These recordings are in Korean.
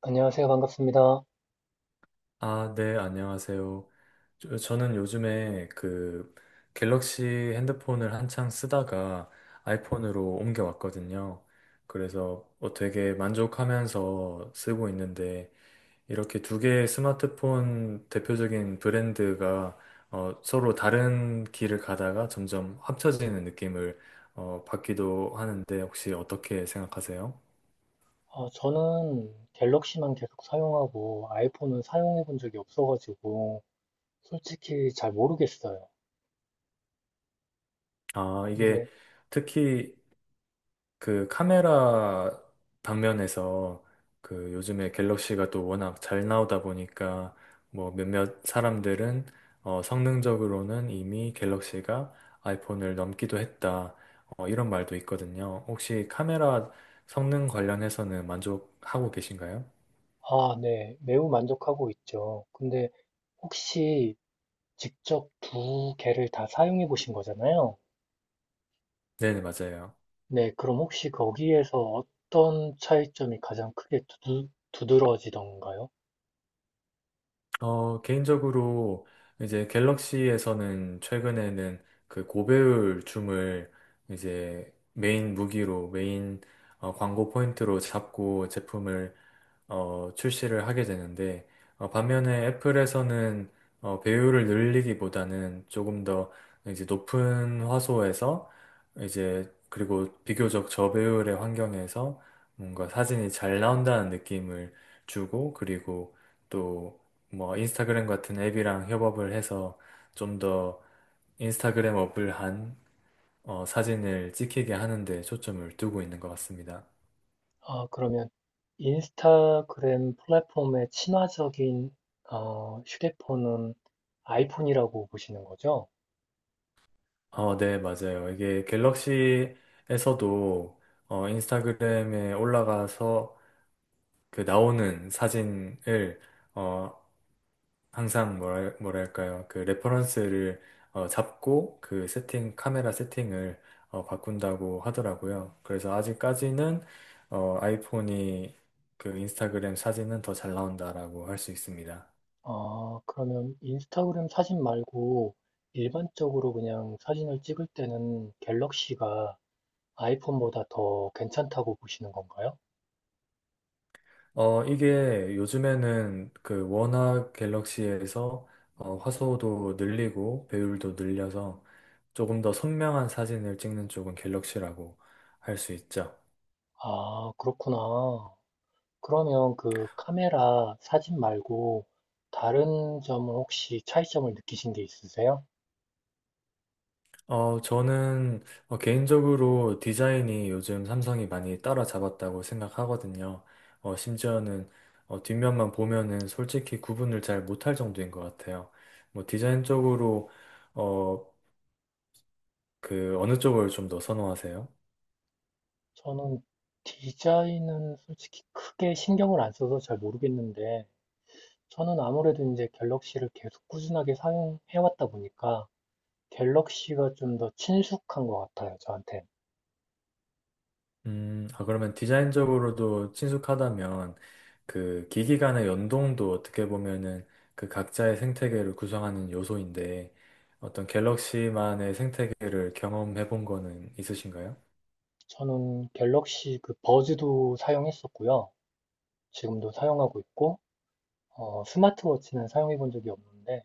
안녕하세요. 반갑습니다. 아, 네, 안녕하세요. 저는 요즘에 그 갤럭시 핸드폰을 한창 쓰다가 아이폰으로 옮겨왔거든요. 그래서 뭐 되게 만족하면서 쓰고 있는데 이렇게 두 개의 스마트폰 대표적인 브랜드가 서로 다른 길을 가다가 점점 합쳐지는 느낌을 받기도 하는데 혹시 어떻게 생각하세요? 저는 갤럭시만 계속 사용하고 아이폰은 사용해 본 적이 없어가지고 솔직히 잘 모르겠어요. 아, 이게 근데, 특히 그 카메라 방면에서 그 요즘에 갤럭시가 또 워낙 잘 나오다 보니까 뭐 몇몇 사람들은 성능적으로는 이미 갤럭시가 아이폰을 넘기도 했다. 이런 말도 있거든요. 혹시 카메라 성능 관련해서는 만족하고 계신가요? 아, 네. 매우 만족하고 있죠. 근데 혹시 직접 두 개를 다 사용해 보신 거잖아요. 네네, 맞아요. 네. 그럼 혹시 거기에서 어떤 차이점이 가장 크게 두드러지던가요? 개인적으로 이제 갤럭시에서는 최근에는 그 고배율 줌을 이제 메인 무기로, 메인 광고 포인트로 잡고 제품을 출시를 하게 되는데, 반면에 애플에서는 배율을 늘리기보다는 조금 더 이제 높은 화소에서 이제 그리고 비교적 저배율의 환경에서 뭔가 사진이 잘 나온다는 느낌을 주고 그리고 또 뭐 인스타그램 같은 앱이랑 협업을 해서 좀 더 인스타그램 어블한 사진을 찍히게 하는 데 초점을 두고 있는 것 같습니다. 아, 그러면 인스타그램 플랫폼의 친화적인 휴대폰은 아이폰이라고 보시는 거죠? 네, 맞아요. 이게 갤럭시에서도 인스타그램에 올라가서 그 나오는 사진을 어, 항상 뭐랄까요. 그 레퍼런스를 잡고 그 세팅, 카메라 세팅을 바꾼다고 하더라고요. 그래서 아직까지는 아이폰이 그 인스타그램 사진은 더 잘 나온다라고 할 수 있습니다. 아, 그러면 인스타그램 사진 말고 일반적으로 그냥 사진을 찍을 때는 갤럭시가 아이폰보다 더 괜찮다고 보시는 건가요? 이게 요즘에는 그 워낙 갤럭시에서 화소도 늘리고 배율도 늘려서 조금 더 선명한 사진을 찍는 쪽은 갤럭시라고 할 수 있죠. 아, 그렇구나. 그러면 그 카메라 사진 말고 다른 점은 혹시 차이점을 느끼신 게 있으세요? 저는 개인적으로 디자인이 요즘 삼성이 많이 따라잡았다고 생각하거든요. 심지어는 뒷면만 보면은 솔직히 구분을 잘 못할 정도인 것 같아요. 뭐 디자인 쪽으로 어, 그 어느 쪽을 좀 더 선호하세요? 저는 디자인은 솔직히 크게 신경을 안 써서 잘 모르겠는데, 저는 아무래도 이제 갤럭시를 계속 꾸준하게 사용해왔다 보니까, 갤럭시가 좀 더 친숙한 것 같아요, 저한테. 아, 그러면 디자인적으로도 친숙하다면 그 기기 간의 연동도 어떻게 보면은 그 각자의 생태계를 구성하는 요소인데 어떤 갤럭시만의 생태계를 경험해 본 거는 있으신가요? 저는 갤럭시 그 버즈도 사용했었고요. 지금도 사용하고 있고, 스마트워치는 사용해본 적이 없는데,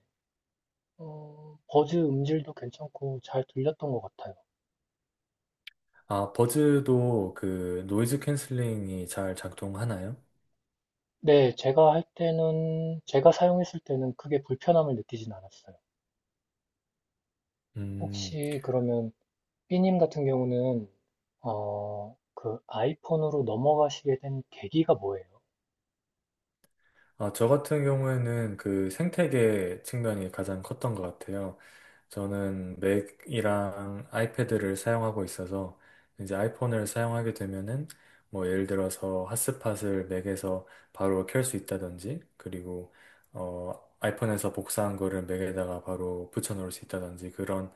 버즈 음질도 괜찮고 잘 들렸던 것 같아요. 아, 버즈도 그 노이즈 캔슬링이 잘 작동하나요? 네, 제가 할 때는, 제가 사용했을 때는 크게 불편함을 느끼진 않았어요. 음. 혹시 그러면 B님 같은 경우는 그 아이폰으로 넘어가시게 된 계기가 뭐예요? 아, 저 같은 경우에는 그 생태계 측면이 가장 컸던 것 같아요. 저는 맥이랑 아이패드를 사용하고 있어서 이제 아이폰을 사용하게 되면은 뭐 예를 들어서 핫스팟을 맥에서 바로 켤 수 있다든지 그리고 어 아이폰에서 복사한 거를 맥에다가 바로 붙여 놓을 수 있다든지 그런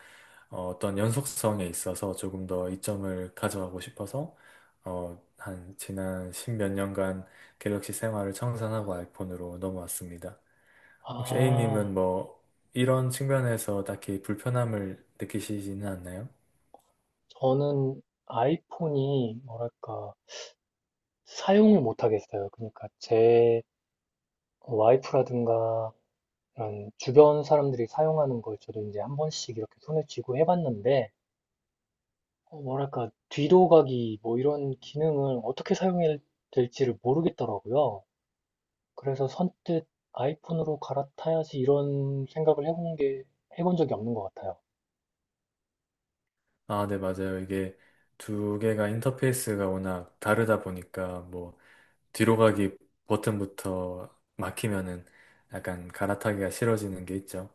어떤 연속성에 있어서 조금 더 이점을 가져가고 싶어서 한 지난 십 몇 년간 갤럭시 생활을 청산하고 아이폰으로 넘어왔습니다. 혹시 아, A님은 뭐 이런 측면에서 딱히 불편함을 느끼시지는 않나요? 저는 아이폰이 뭐랄까 사용을 못 하겠어요. 그러니까 제 와이프라든가 이런 주변 사람들이 사용하는 걸 저도 이제 한 번씩 이렇게 손에 쥐고 해봤는데 뭐랄까 뒤로 가기 뭐 이런 기능을 어떻게 사용해야 될지를 모르겠더라고요. 그래서 선뜻 아이폰으로 갈아타야지 이런 생각을 해본 게, 해본 적이 없는 것 같아요. 아, 네, 맞아요. 이게 두 개가 인터페이스가 워낙 다르다 보니까 뭐 뒤로 가기 버튼부터 막히면은 약간 갈아타기가 싫어지는 게 있죠.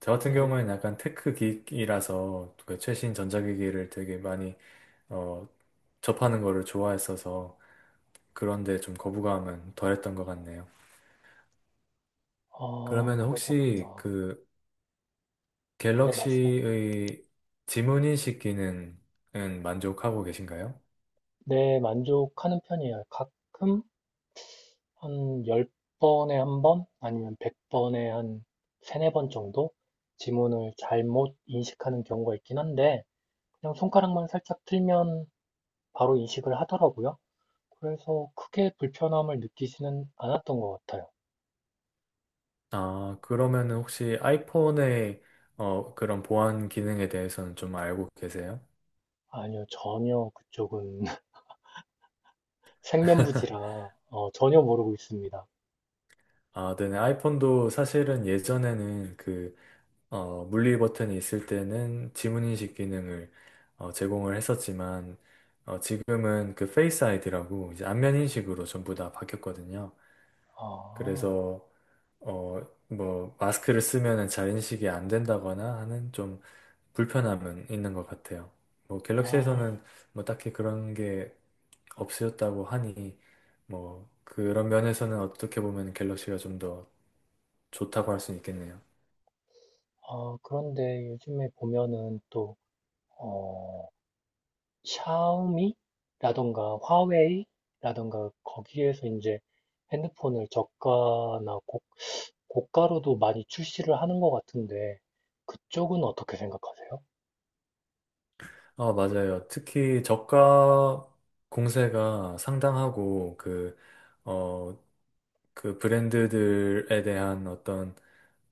저 같은 네, 경우에는 약간 테크 기기라서 그 최신 전자기기를 되게 많이 어, 접하는 거를 좋아했어서 그런데 좀 거부감은 덜했던 것 같네요. 아, 그러면 혹시 그러셨구나. 그 네, 갤럭시의 지문인식 기능은 만족하고 계신가요? 네, 만족하는 편이에요. 가끔 한 10번에 한 번, 아니면 100번에 한 세네 번 정도 지문을 잘못 인식하는 경우가 있긴 한데, 그냥 손가락만 살짝 틀면 바로 인식을 하더라고요. 그래서 크게 불편함을 느끼지는 않았던 것 같아요. 아, 그러면 혹시 아이폰의 그런 보안 기능에 대해서는 좀 알고 계세요? 아니요, 전혀 그쪽은 생면부지라 전혀 모르고 있습니다. 아, 네네. 아이폰도 사실은 예전에는 그, 물리 버튼이 있을 때는 지문인식 기능을 제공을 했었지만, 지금은 그 페이스 아이디라고 이제 안면 인식으로 전부 다 바뀌었거든요. 아, 그래서 어, 뭐, 마스크를 쓰면은 자인식이 안 된다거나 하는 좀 불편함은 있는 것 같아요. 뭐, 아, 갤럭시에서는 뭐 딱히 그런 게 없으셨다고 하니, 뭐, 그런 면에서는 어떻게 보면 갤럭시가 좀 더 좋다고 할 수는 있겠네요. 아, 그런데 요즘에 보면은 또 어, 샤오미라던가 화웨이라던가 거기에서 이제 핸드폰을 저가나 고가로도 많이 출시를 하는 것 같은데 그쪽은 어떻게 생각하세요? 맞아요. 특히 저가 공세가 상당하고, 그, 어, 그 브랜드들에 대한 어떤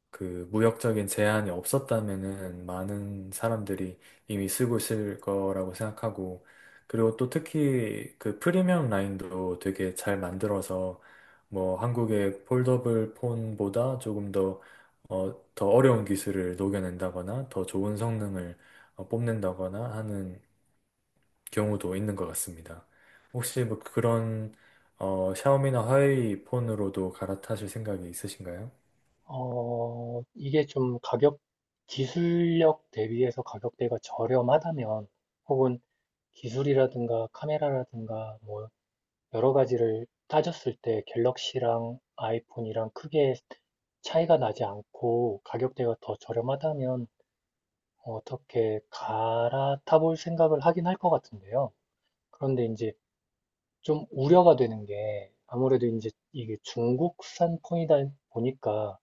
그 무역적인 제한이 없었다면은 많은 사람들이 이미 쓰고 있을 거라고 생각하고 그리고 또 특히 그 프리미엄 라인도 되게 잘 만들어서 뭐 한국의 폴더블 폰보다 조금 더, 더 어려운 기술을 녹여낸다거나 더 좋은 성능을 뽐낸다거나 하는 경우도 있는 것 같습니다. 혹시 뭐 그런 샤오미나 화웨이 폰으로도 갈아타실 생각이 있으신가요? 이게 좀 기술력 대비해서 가격대가 저렴하다면, 혹은 기술이라든가 카메라라든가 뭐 여러 가지를 따졌을 때 갤럭시랑 아이폰이랑 크게 차이가 나지 않고 가격대가 더 저렴하다면 어떻게 갈아타볼 생각을 하긴 할 것 같은데요. 그런데 이제 좀 우려가 되는 게 아무래도 이제 이게 중국산 폰이다 보니까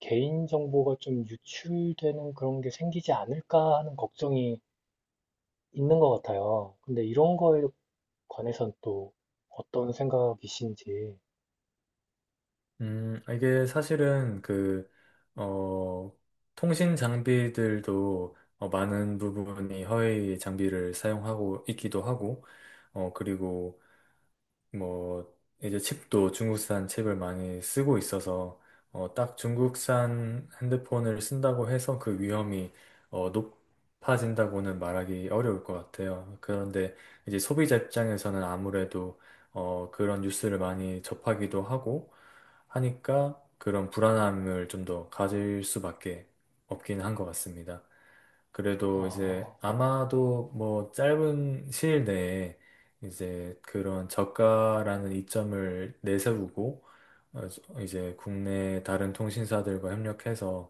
개인정보가 좀 유출되는 그런 게 생기지 않을까 하는 걱정이 있는 것 같아요. 근데 이런 거에 관해서또 어떤 생각이신지, 아, 이게 사실은 그, 어, 통신 장비들도 많은 부분이 허위 장비를 사용하고 있기도 하고, 그리고 뭐 이제 칩도 중국산 칩을 많이 쓰고 있어서 딱 중국산 핸드폰을 쓴다고 해서 그 위험이 높아진다고는 말하기 어려울 것 같아요. 그런데 이제 소비자 입장에서는 아무래도 그런 뉴스를 많이 접하기도 하고 하니까 그런 불안함을 좀 더 가질 수밖에 없긴 한 것 같습니다. 그래도 이제 어, 아마도 뭐 짧은 시일 내에 이제 그런 저가라는 이점을 내세우고 어, 이제 국내 다른 통신사들과 협력해서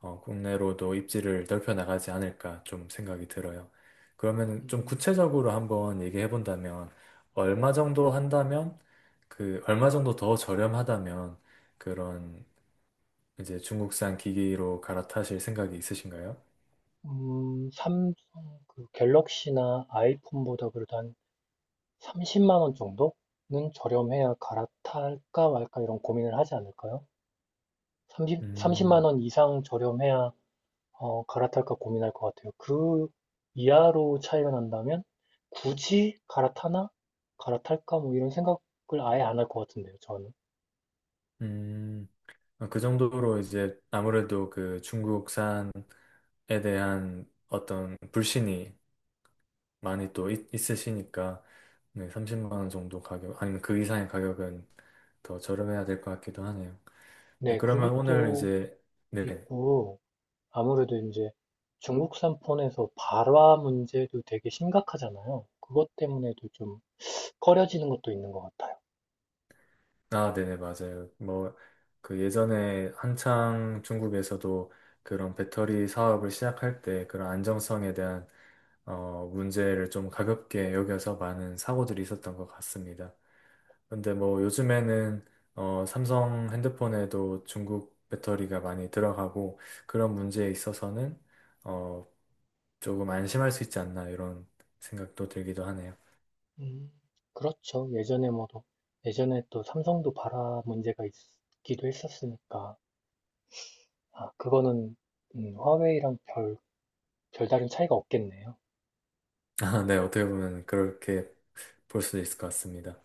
국내로도 입지를 넓혀 나가지 않을까 좀 생각이 들어요. 그러면 좀 음, 구체적으로 한번 얘기해 본다면 얼마 정도 한다면 그 얼마 정도 더 저렴하다면 그런 이제 중국산 기기로 갈아타실 생각이 있으신가요? 음, 삼성, 그 갤럭시나 아이폰보다 그래도 한 30만 원 정도는 저렴해야 갈아탈까 말까 이런 고민을 하지 않을까요? 30만 음, 원 이상 저렴해야 갈아탈까 고민할 것 같아요. 그 이하로 차이가 난다면 굳이 갈아타나? 갈아탈까? 뭐 이런 생각을 아예 안 할 것 같은데요, 저는. 음. 그 정도로 이제 아무래도 그 중국산에 대한 어떤 불신이 많이 또 있으시니까 네, 30만 원 정도 가격 아니면 그 이상의 가격은 더 저렴해야 될 것 같기도 하네요. 네, 네, 그러면 오늘 그것도 이제 네, 있고, 아무래도 이제 중국산 폰에서 발화 문제도 되게 심각하잖아요. 그것 때문에도 좀 꺼려지는 것도 있는 것 같아요. 아, 네네 맞아요. 뭐 그 예전에 한창 중국에서도 그런 배터리 사업을 시작할 때 그런 안정성에 대한 문제를 좀 가볍게 여겨서 많은 사고들이 있었던 것 같습니다. 근데 뭐 요즘에는 삼성 핸드폰에도 중국 배터리가 많이 들어가고 그런 문제에 있어서는 어, 조금 안심할 수 있지 않나 이런 생각도 들기도 하네요. 음, 그렇죠. 예전에 예전에 또 삼성도 발화 문제가 있기도 했었으니까. 아, 그거는 화웨이랑 별 별다른 차이가 없겠네요. 아, 네, 어떻게 보면 그렇게 볼 수도 있을 것 같습니다.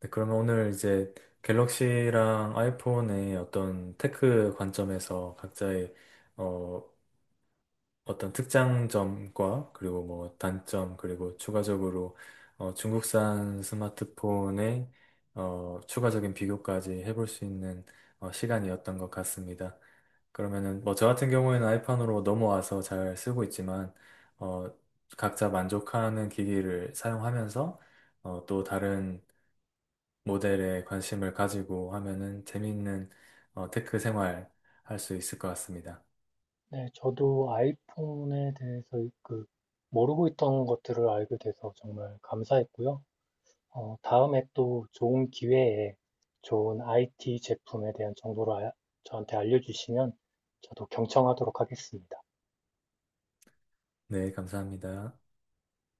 네, 그러면 오늘 이제 갤럭시랑 아이폰의 어떤 테크 관점에서 각자의 어, 어떤 특장 점과 그리고 뭐 단점 그리고 추가적으로 중국산 스마트폰의 추가적인 비교까지 해볼 수 있는 시간이었던 것 같습니다. 그러면은 뭐 저 같은 경우에는 아이판으로 넘어와서 잘 쓰고 있지만 어, 각자 만족하는 기기를 사용하면서 또 다른 모델에 관심을 가지고 하면은 재미있는 테크 생활 할 수 있을 것 같습니다. 네, 저도 아이폰에 대해서 그 모르고 있던 것들을 알게 돼서 정말 감사했고요. 다음에 또 좋은 기회에 좋은 IT 제품에 대한 정보를 저한테 알려주시면 저도 경청하도록 하겠습니다. 네, 감사합니다.